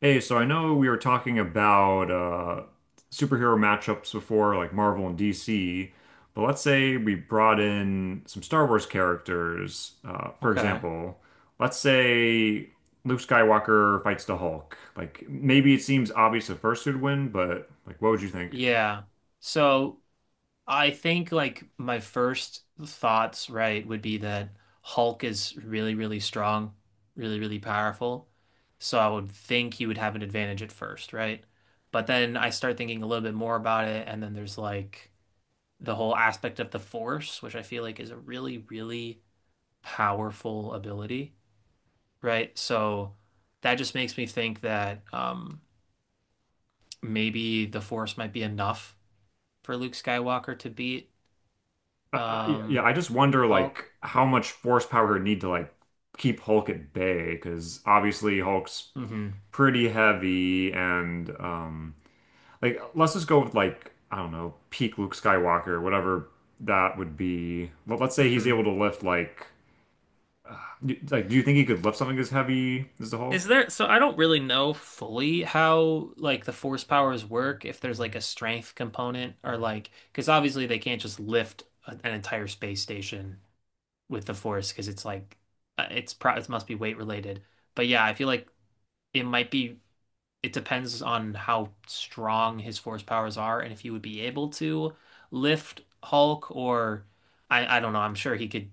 Hey, so I know we were talking about superhero matchups before, like Marvel and DC, but let's say we brought in some Star Wars characters. For Okay. example, let's say Luke Skywalker fights the Hulk. Like maybe it seems obvious at first who'd win, but like what would you think? Yeah. So I think, like, my first thoughts, right, would be that Hulk is really, really strong, really, really powerful. So I would think he would have an advantage at first, right? But then I start thinking a little bit more about it, and then there's like the whole aspect of the Force, which I feel like is a really, really powerful ability, right? So that just makes me think that maybe the Force might be enough for Luke Skywalker to beat Yeah, um I just wonder like Hulk. how much force power he'd need to like keep Hulk at bay, because obviously Hulk's hmm pretty heavy and. Like, let's just go with like, I don't know, peak Luke Skywalker, whatever that would be. Let's say he's able hmm to lift like, do you think he could lift something as heavy as the Is Hulk? there, so I don't really know fully how like the force powers work, if there's like a strength component or like, because obviously they can't just lift an entire space station with the force because it's like, it's pro it must be weight related. But yeah, I feel like it might be it depends on how strong his force powers are and if he would be able to lift Hulk or I don't know. I'm sure he could.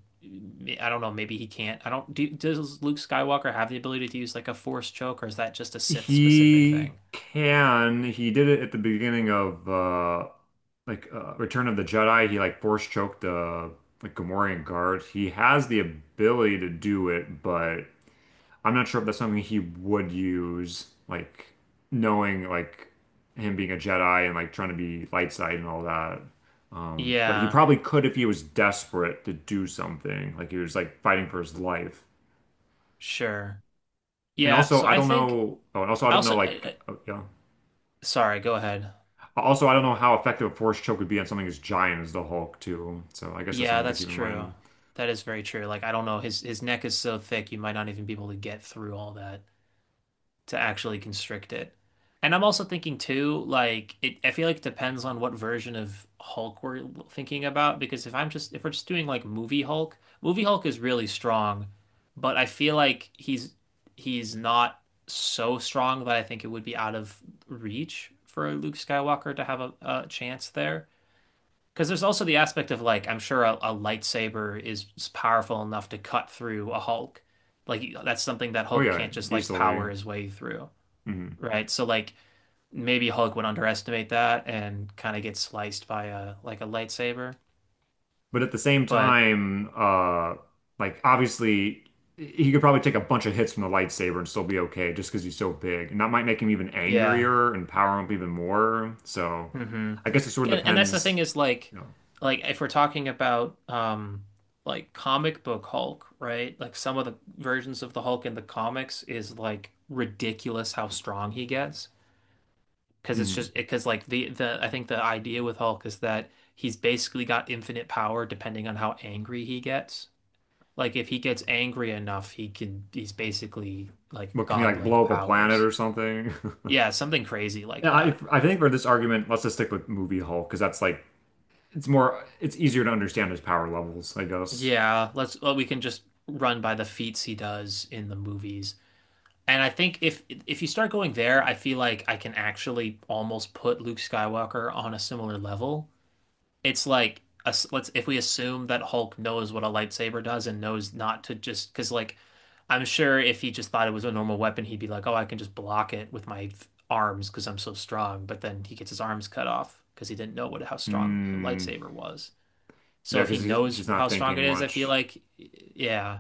I don't know. Maybe he can't. I don't. Do, does Luke Skywalker have the ability to use like a force choke, or is that just a Sith specific thing? He can. He did it at the beginning of Return of the Jedi. He like force choked the like Gamorrean guard. He has the ability to do it, but I'm not sure if that's something he would use, like knowing like him being a Jedi and like trying to be light side and all that. But he Yeah, probably could if he was desperate to do something, like he was like fighting for his life. sure. And Yeah. also, So I I don't think know. Oh, and also, I don't know. also. I, Like, I- oh, yeah. sorry. Go ahead. Also, I don't know how effective a force choke would be on something as giant as the Hulk, too. So I guess that's Yeah, something to that's keep in true. mind. That is very true. Like, I don't know. His neck is so thick, you might not even be able to get through all that to actually constrict it. And I'm also thinking too, like, it, I feel like it depends on what version of Hulk we're thinking about. Because if we're just doing like movie Hulk is really strong, but I feel like he's not so strong that I think it would be out of reach for Luke Skywalker to have a chance there. Because there's also the aspect of like I'm sure a lightsaber is powerful enough to cut through a Hulk. Like, that's something that Oh Hulk yeah, can't just like easily. power his way through, Mhm. right? So like maybe Hulk would underestimate that and kind of get sliced by a like a lightsaber. But at the same But time, like obviously he could probably take a bunch of hits from the lightsaber and still be okay just because he's so big. And that might make him even yeah. angrier and power him up even more. So hmm I guess it sort of and that's the depends, thing, is you know. like if we're talking about like comic book Hulk, right? Like, some of the versions of the Hulk in the comics is like ridiculous how strong he gets, because it's hmm just because like the I think the idea with Hulk is that he's basically got infinite power depending on how angry he gets. Like, if he gets angry enough, he's basically like But can he like godlike blow up a planet powers. or something? Yeah, something crazy like Yeah, I, that. I think for this argument, let's just stick with movie Hulk because that's like it's easier to understand his power levels, I guess. Yeah, let's well, we can just run by the feats he does in the movies. And I think if you start going there, I feel like I can actually almost put Luke Skywalker on a similar level. It's like us let's if we assume that Hulk knows what a lightsaber does and knows not to, just because like I'm sure if he just thought it was a normal weapon, he'd be like, "Oh, I can just block it with my arms because I'm so strong." But then he gets his arms cut off because he didn't know what how strong a Hmm. lightsaber was. So Yeah, if he because knows he's not how strong it thinking is, I feel much. like, yeah.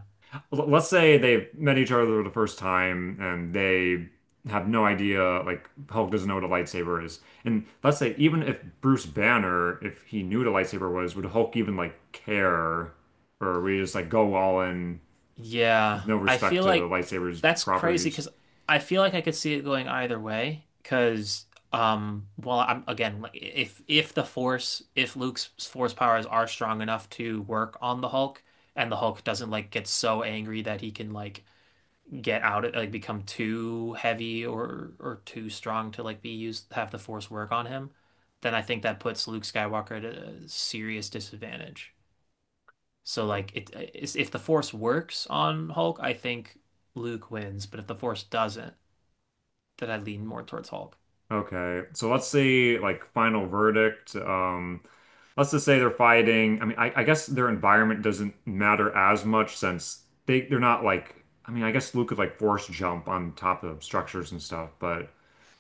Let's say they met each other the first time and they have no idea, like Hulk doesn't know what a lightsaber is. And let's say even if Bruce Banner, if he knew what a lightsaber was, would Hulk even like care? Or would he just like go all in Yeah, with no I respect feel to the like lightsaber's that's crazy properties? because I feel like I could see it going either way. Because, well, I'm again like if the force if Luke's force powers are strong enough to work on the Hulk, and the Hulk doesn't like get so angry that he can like get out of like become too heavy or too strong to like be used have the force work on him, then I think that puts Luke Skywalker at a serious disadvantage. So like it's, if the Force works on Hulk, I think Luke wins, but if the Force doesn't, then I lean more towards Hulk. Okay, so let's say like final verdict. Let's just say they're fighting. I mean, I guess their environment doesn't matter as much since they're not like. I mean, I guess Luke could like force jump on top of structures and stuff, but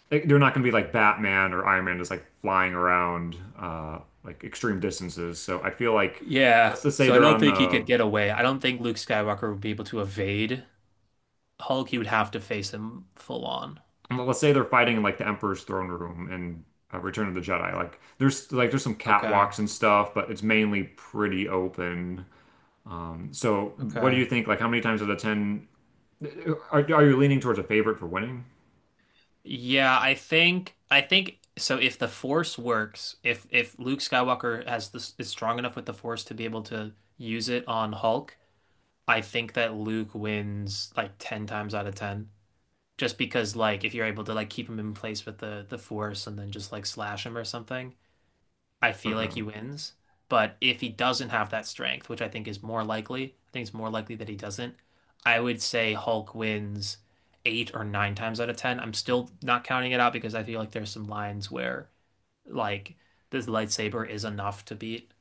they're not going to be like Batman or Iron Man just like flying around like extreme distances. So I feel like Yeah, let's just say so I they're don't on think he the could get away. I don't think Luke Skywalker would be able to evade Hulk. He would have to face him full on. Well, let's say they're fighting in like the Emperor's throne room in Return of the Jedi. Like there's some Okay. catwalks and stuff, but it's mainly pretty open. So what do Okay. you think? Like how many times out of 10 are you leaning towards a favorite for winning? Yeah, I think so if the Force works, if Luke Skywalker has this is strong enough with the Force to be able to use it on Hulk, I think that Luke wins like 10 times out of 10. Just because like if you're able to like keep him in place with the force and then just like slash him or something, I feel like he Okay. wins. But if he doesn't have that strength, which I think is more likely, I think it's more likely that he doesn't. I would say Hulk wins 8 or 9 times out of 10. I'm still not counting it out because I feel like there's some lines where like this lightsaber is enough to beat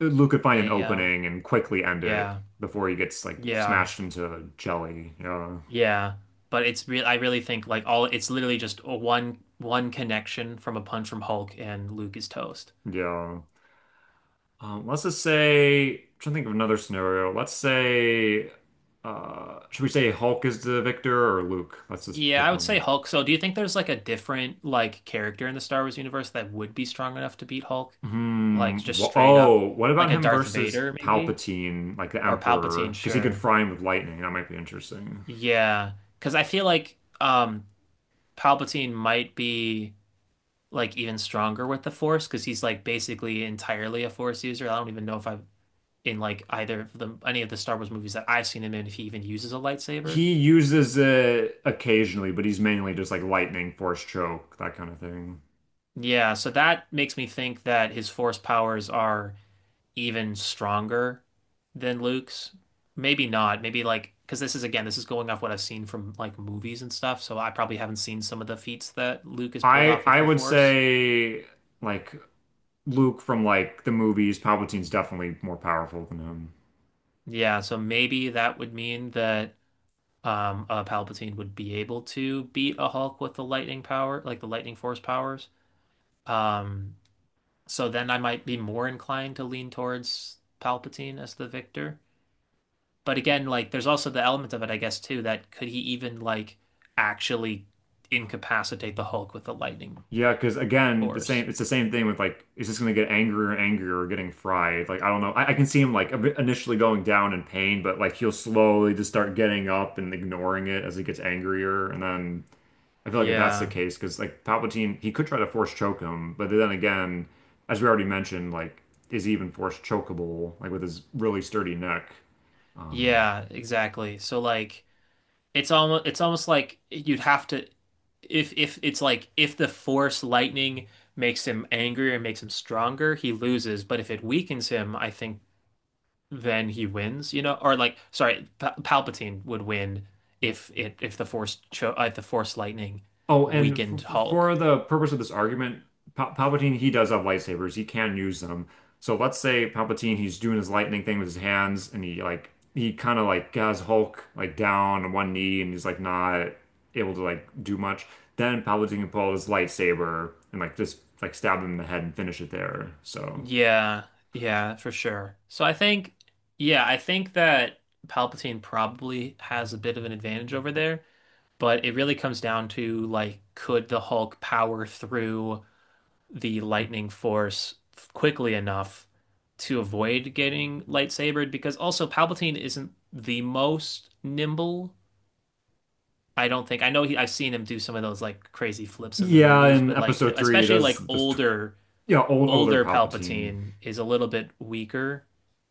Luke could find an a opening and quickly end it yeah, before he gets like yeah. smashed into jelly. Yeah. Yeah, but it's real. I really think like all it's literally just a one connection from a punch from Hulk, and Luke is toast. Yeah. Let's just say, I'm trying to think of another scenario. Should we say Hulk is the victor or Luke? Let's just Yeah, pick I would say one. Hulk. So, do you think there's like a different like character in the Star Wars universe that would be strong enough to beat Hulk? Like Hmm. just straight up, Oh, what about like a him Darth versus Vader maybe Palpatine, like the or Emperor? Palpatine? Because he could Sure. fry him with lightning. That might be interesting. Yeah, because I feel like Palpatine might be like even stronger with the Force because he's like basically entirely a Force user. I don't even know if I in like either of the any of the Star Wars movies that I've seen him in if he even uses a lightsaber. He uses it occasionally, but he's mainly just like lightning, force choke, that kind of thing. Yeah, so that makes me think that his force powers are even stronger than Luke's. Maybe not. Maybe like because this is again, this is going off what I've seen from like movies and stuff, so I probably haven't seen some of the feats that Luke has pulled I off with I the would force. say like Luke from like the movies, Palpatine's definitely more powerful than him. Yeah, so maybe that would mean that a Palpatine would be able to beat a Hulk with the lightning power, like the lightning force powers. Um So then I might be more inclined to lean towards Palpatine as the victor. But again, like, there's also the element of it, I guess, too, that could he even like actually incapacitate the Hulk with the lightning Yeah, because again, the force? same it's the same thing with like it's just gonna get angrier and angrier or getting fried. Like I don't know. I can see him like a bit initially going down in pain, but like he'll slowly just start getting up and ignoring it as he gets angrier. And then I feel like if that's the Yeah. case, because like Palpatine, he could try to force choke him, but then again, as we already mentioned, like is he even force chokeable, like with his really sturdy neck? Um Yeah, exactly. So like it's almost like you'd have to if it's like if the force lightning makes him angrier and makes him stronger, he loses. But if it weakens him, I think then he wins, you know, or like, sorry, Palpatine would win if it if the Force cho if the Force lightning Oh, and weakened Hulk. for the purpose of this argument, Palpatine, he does have lightsabers. He can use them. So let's say Palpatine, he's doing his lightning thing with his hands, and he kind of like has Hulk like down on one knee, and he's like not able to like do much. Then Palpatine can pull out his lightsaber and like just like stab him in the head and finish it there. So Yeah, yeah, for sure. So I think, yeah, I think that Palpatine probably has a bit of an advantage over there, but it really comes down to like, could the Hulk power through the lightning force quickly enough to avoid getting lightsabered? Because also Palpatine isn't the most nimble. I don't think I know he, I've seen him do some of those like crazy flips in the yeah, movies, in but like Episode 3, he especially does like this, tw- yeah, older older Palpatine. Palpatine is a little bit weaker,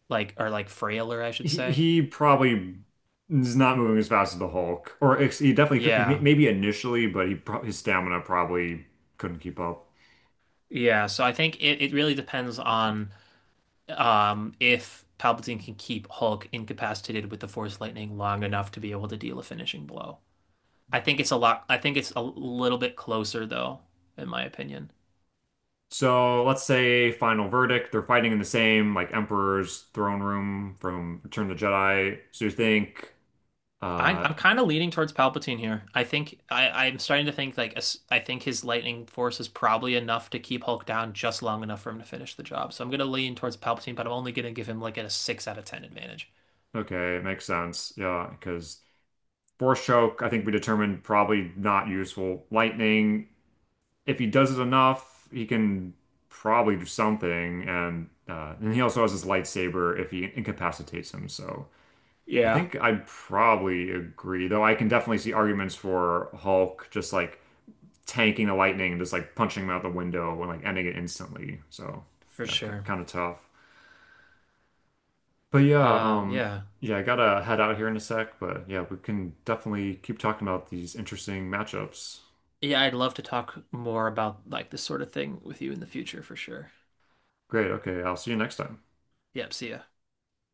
like or like frailer, I should say. He probably is not moving as fast as the Hulk, or ex he definitely could, Yeah. maybe initially, but he pro his stamina probably couldn't keep up. Yeah, so I think it really depends on if Palpatine can keep Hulk incapacitated with the Force Lightning long enough to be able to deal a finishing blow. I think it's a lot I think it's a little bit closer though, in my opinion. So let's say final verdict, they're fighting in the same like Emperor's throne room from Return of the Jedi. So you think, I, uh, I'm kind of leaning towards Palpatine here. I think I'm starting to think like I think his lightning force is probably enough to keep Hulk down just long enough for him to finish the job. So I'm gonna lean towards Palpatine, but I'm only gonna give him like a 6 out of 10 advantage. okay, it makes sense, yeah, because Force choke, I think we determined probably not useful. Lightning, if he does it enough, he can probably do something. And he also has his lightsaber if he incapacitates him. So I Yeah. think I'd probably agree, though I can definitely see arguments for Hulk just like tanking the lightning and just like punching him out the window and like ending it instantly. So For yeah, c sure. kind of tough. But yeah, Yeah, yeah, I gotta head out here in a sec. But yeah, we can definitely keep talking about these interesting matchups. yeah. I'd love to talk more about like this sort of thing with you in the future for sure. Great. Okay, I'll see you next time. Yep. See ya.